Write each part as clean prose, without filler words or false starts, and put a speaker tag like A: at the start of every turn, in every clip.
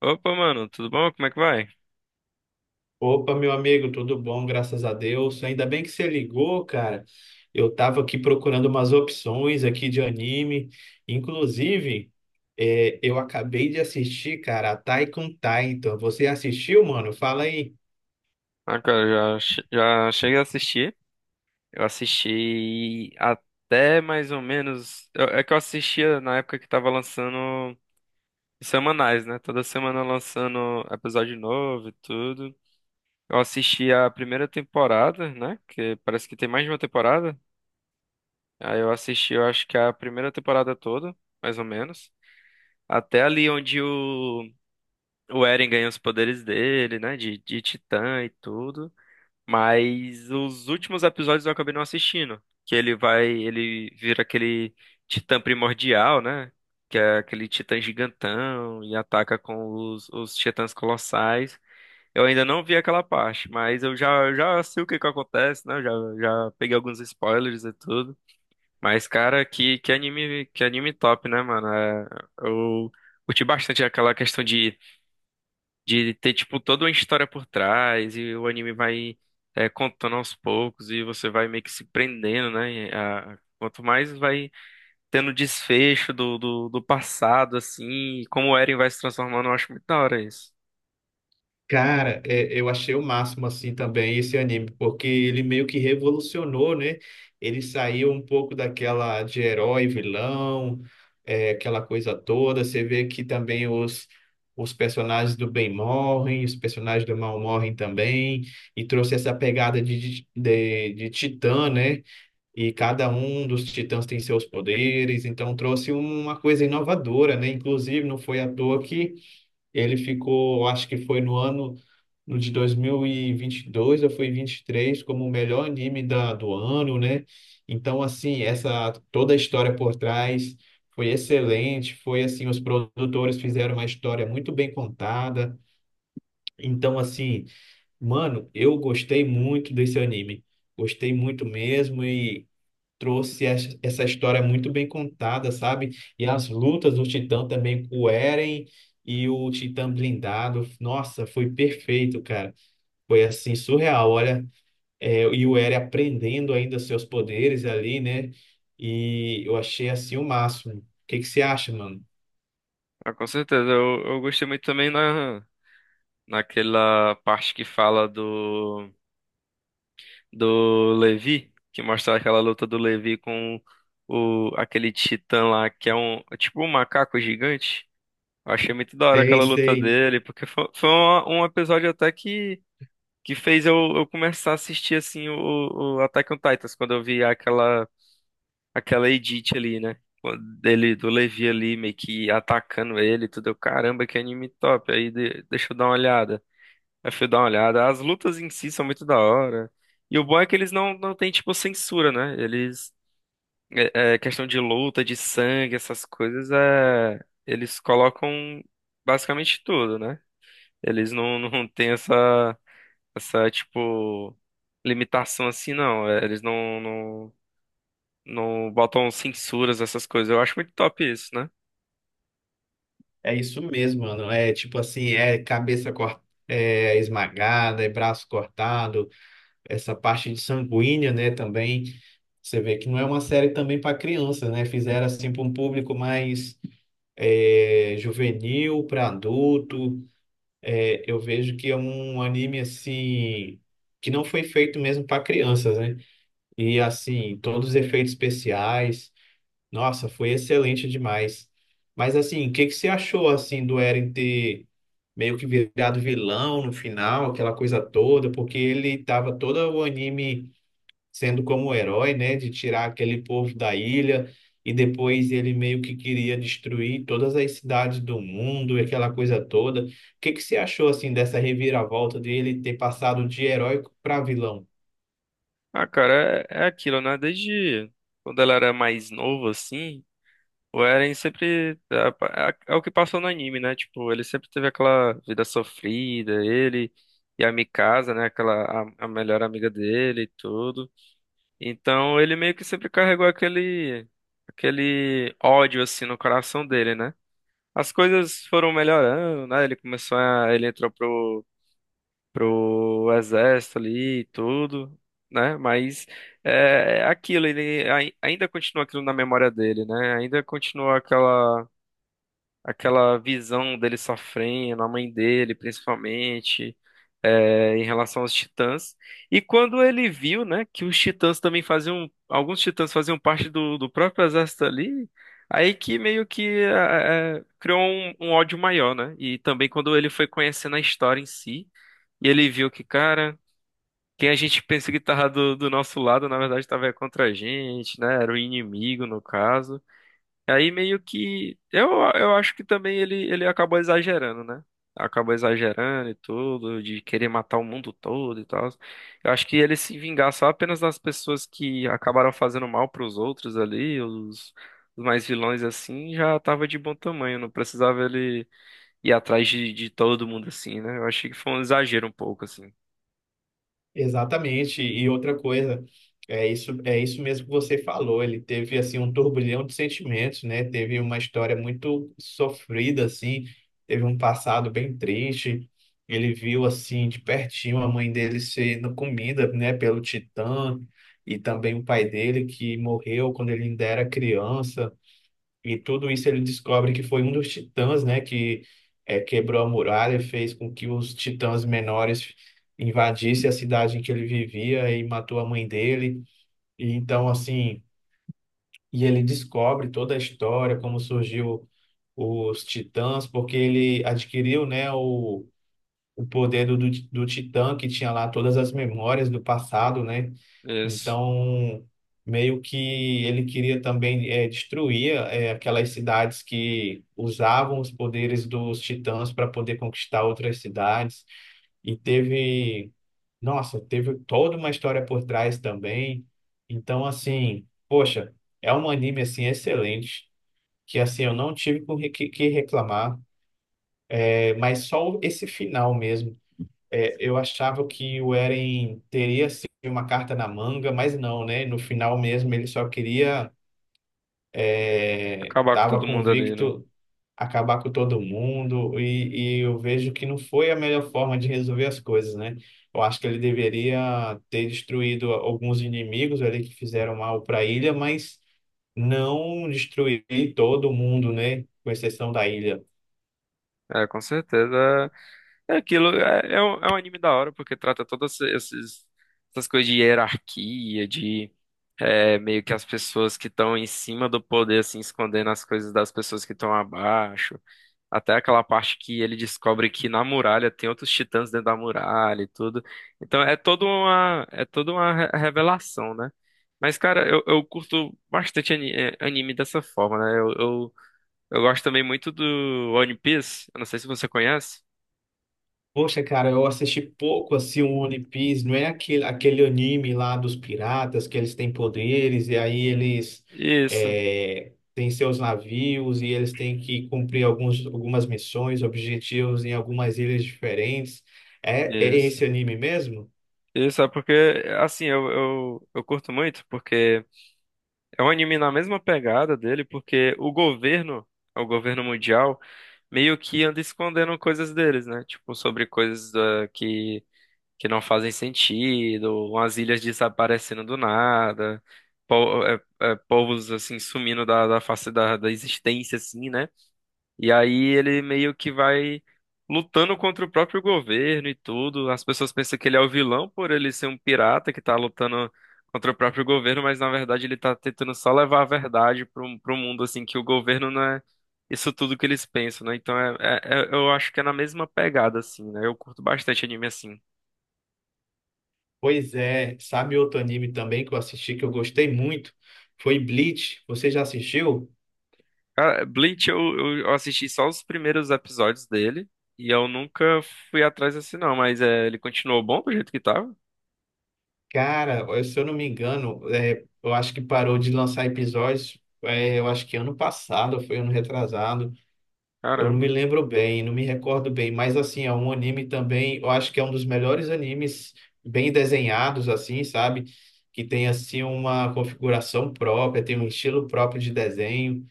A: Opa, mano, tudo bom? Como é que vai?
B: Opa, meu amigo, tudo bom, graças a Deus. Ainda bem que você ligou, cara. Eu tava aqui procurando umas opções aqui de anime. Inclusive, eu acabei de assistir, cara, a Attack on Titan. Você assistiu, mano? Fala aí.
A: Ah, cara, já, já cheguei a assistir. Eu assisti até mais ou menos. É que eu assistia na época que tava lançando semanais, né? Toda semana lançando episódio novo e tudo. Eu assisti a primeira temporada, né? Que parece que tem mais de uma temporada. Aí eu assisti, eu acho que a primeira temporada toda, mais ou menos. Até ali onde o Eren ganha os poderes dele, né? De titã e tudo. Mas os últimos episódios eu acabei não assistindo. Que ele vai, ele vira aquele titã primordial, né? Que é aquele titã gigantão e ataca com os titãs colossais. Eu ainda não vi aquela parte, mas eu já sei o que que acontece, né? Eu já, já peguei alguns spoilers e tudo. Mas, cara, que anime top, né, mano? Eu curti bastante aquela questão de ter, tipo, toda uma história por trás e o anime vai contando aos poucos e você vai meio que se prendendo, né? Quanto mais vai tendo desfecho do passado, assim, e como o Eren vai se transformando, eu acho muito da hora isso.
B: Cara, eu achei o máximo assim também esse anime, porque ele meio que revolucionou, né? Ele saiu um pouco daquela de herói, vilão, aquela coisa toda. Você vê que também os personagens do bem morrem, os personagens do mal morrem também, e trouxe essa pegada de titã, né? E cada um dos titãs tem seus poderes, então trouxe uma coisa inovadora, né? Inclusive, não foi à toa que. Ele ficou, acho que foi no ano no de dois mil e vinte e dois eu fui 23 como o melhor anime do ano, né? Então, assim, essa toda a história por trás foi excelente. Foi assim, os produtores fizeram uma história muito bem contada. Então, assim, mano, eu gostei muito desse anime. Gostei muito mesmo e trouxe essa história muito bem contada, sabe? E as lutas do Titã também com o Eren e o Titã blindado. Nossa, foi perfeito, cara. Foi assim, surreal. Olha, e o Eren aprendendo ainda seus poderes ali, né? E eu achei assim o máximo. O que que você acha, mano?
A: Ah, com certeza, eu gostei muito também naquela parte que fala do Levi, que mostra aquela luta do Levi com o, aquele titã lá, que é um, é tipo um macaco gigante. Eu achei muito da hora
B: Sei,
A: aquela luta
B: sei.
A: dele, porque foi, foi episódio até que fez eu começar a assistir assim o Attack on Titans, quando eu vi aquela, aquela edit ali, né? Dele, do Levi ali, meio que atacando ele, e tudo. Eu, caramba, que anime top. Aí deixa eu dar uma olhada. Aí fui dar uma olhada. As lutas em si são muito da hora. E o bom é que eles não têm, tipo, censura, né? Eles. Questão de luta, de sangue, essas coisas, é, eles colocam basicamente tudo, né? Eles não têm essa, essa, tipo, limitação assim, não. É, eles não botam censuras, essas coisas. Eu acho muito top isso, né?
B: É isso mesmo, mano. É tipo assim, é cabeça esmagada, é braço cortado, essa parte de sanguínea, né, também. Você vê que não é uma série também para criança, né? Fizeram assim para um público mais juvenil, para adulto. Eu vejo que é um anime assim que não foi feito mesmo para crianças, né? E assim, todos os efeitos especiais, nossa, foi excelente demais. Mas assim, o que que você achou assim do Eren ter meio que virado vilão no final, aquela coisa toda, porque ele tava todo o anime sendo como o herói, né, de tirar aquele povo da ilha e depois ele meio que queria destruir todas as cidades do mundo e aquela coisa toda. O que que você achou assim dessa reviravolta dele ter passado de heróico para vilão?
A: Ah, cara, é aquilo, né? Desde quando ela era mais novo, assim, o Eren sempre. É o que passou no anime, né? Tipo, ele sempre teve aquela vida sofrida, ele e a Mikasa, né? Aquela, a melhor amiga dele e tudo. Então ele meio que sempre carregou aquele aquele ódio assim no coração dele, né? As coisas foram melhorando, né? Ele começou a ele entrou pro exército ali e tudo, né? Mas é aquilo, ele ainda continua aquilo na memória dele, né? Ainda continua aquela aquela visão dele sofrendo, a mãe dele principalmente em relação aos Titãs. E quando ele viu, né, que os Titãs também faziam, alguns Titãs faziam parte do próprio exército ali, aí que meio que criou um, um ódio maior, né? E também quando ele foi conhecendo a história em si, e ele viu que, cara, quem a gente pensa que tava do nosso lado, na verdade, tava contra a gente, né? Era o inimigo, no caso. Aí meio que eu acho que também ele acabou exagerando, né? Acabou exagerando e tudo, de querer matar o mundo todo e tal. Eu acho que ele se vingar só apenas das pessoas que acabaram fazendo mal pros outros ali, os mais vilões assim, já tava de bom tamanho, não precisava ele ir atrás de todo mundo assim, né? Eu achei que foi um exagero um pouco assim.
B: Exatamente. E outra coisa, é isso mesmo que você falou. Ele teve assim um turbilhão de sentimentos, né? Teve uma história muito sofrida assim, teve um passado bem triste. Ele viu assim de pertinho a mãe dele sendo comida, né, pelo Titã e também o pai dele que morreu quando ele ainda era criança. E tudo isso ele descobre que foi um dos titãs, né, que quebrou a muralha, fez com que os titãs menores invadissem a cidade em que ele vivia e matou a mãe dele. E então, assim, e ele descobre toda a história, como surgiu os titãs, porque ele adquiriu, né, o poder do Titã, que tinha lá todas as memórias do passado, né?
A: Isso.
B: Então, meio que ele queria também destruir aquelas cidades que usavam os poderes dos Titãs para poder conquistar outras cidades. E teve, nossa, teve toda uma história por trás também. Então, assim, poxa, é um anime assim excelente. Que assim, eu não tive com que reclamar, mas só esse final mesmo. Eu achava que o Eren teria assim, uma carta na manga, mas não, né? No final mesmo ele só queria,
A: Acabar com
B: tava
A: todo mundo ali, né?
B: convicto acabar com todo mundo e eu vejo que não foi a melhor forma de resolver as coisas, né? Eu acho que ele deveria ter destruído alguns inimigos ali que fizeram mal para a ilha, mas não destruir todo mundo, né? Com exceção da ilha.
A: É, com certeza. É aquilo, é um anime da hora, porque trata essas coisas de hierarquia, de é, meio que as pessoas que estão em cima do poder, assim, escondendo as coisas das pessoas que estão abaixo. Até aquela parte que ele descobre que na muralha tem outros titãs dentro da muralha e tudo. Então é toda uma revelação, né? Mas, cara, eu curto bastante anime dessa forma, né? Eu gosto também muito do One Piece. Eu não sei se você conhece.
B: Poxa, cara, eu assisti pouco assim o One Piece, não é aquele, aquele anime lá dos piratas que eles têm poderes e aí eles
A: Isso,
B: têm seus navios e eles têm que cumprir alguns, algumas missões, objetivos em algumas ilhas diferentes. É, é
A: isso.
B: esse anime mesmo?
A: Isso é porque, assim, eu curto muito, porque é um anime na mesma pegada dele, porque o governo mundial, meio que anda escondendo coisas deles, né? Tipo, sobre coisas que não fazem sentido, umas ilhas desaparecendo do nada, povos, assim, sumindo da face da existência, assim, né? E aí ele meio que vai lutando contra o próprio governo e tudo. As pessoas pensam que ele é o vilão por ele ser um pirata que tá lutando contra o próprio governo, mas na verdade ele tá tentando só levar a verdade pro mundo, assim, que o governo não é isso tudo que eles pensam, né? Então eu acho que é na mesma pegada, assim, né? Eu curto bastante anime assim.
B: Pois é, sabe outro anime também que eu assisti que eu gostei muito? Foi Bleach. Você já assistiu?
A: Cara, Bleach eu assisti só os primeiros episódios dele. E eu nunca fui atrás assim, não, mas é, ele continuou bom do jeito que tava?
B: Cara, eu- se eu não me engano, eu acho que parou de lançar episódios, eu acho que ano passado, foi ano retrasado. Eu não
A: Caramba.
B: me lembro bem, não me recordo bem, mas assim, é um anime também, eu acho que é um dos melhores animes bem desenhados, assim, sabe? Que tem assim uma configuração própria, tem um estilo próprio de desenho,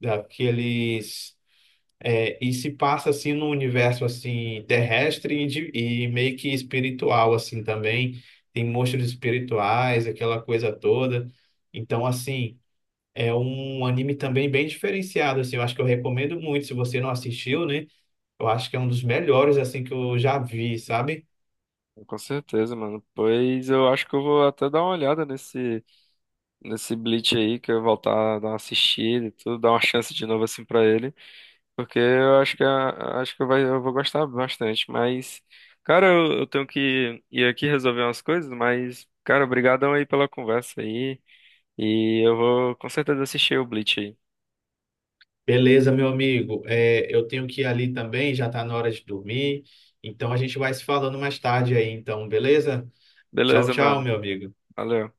B: daqueles. É, e se passa assim no universo assim terrestre e, e meio que espiritual assim também. Tem monstros espirituais, aquela coisa toda. Então assim, é um anime também bem diferenciado assim. Eu acho que eu recomendo muito se você não assistiu, né? Eu acho que é um dos melhores assim que eu já vi, sabe?
A: Com certeza, mano. Pois eu acho que eu vou até dar uma olhada nesse, nesse Bleach aí, que eu vou voltar a dar uma assistida e tudo, dar uma chance de novo assim pra ele, porque eu acho que acho que vai, eu vou gostar bastante. Mas, cara, eu tenho que ir aqui resolver umas coisas, mas, cara, obrigadão aí pela conversa aí, e eu vou com certeza assistir o Bleach aí.
B: Beleza, meu amigo. É, eu tenho que ir ali também, já tá na hora de dormir. Então a gente vai se falando mais tarde aí, então, beleza? Tchau,
A: Beleza,
B: tchau,
A: mano.
B: meu amigo.
A: Valeu.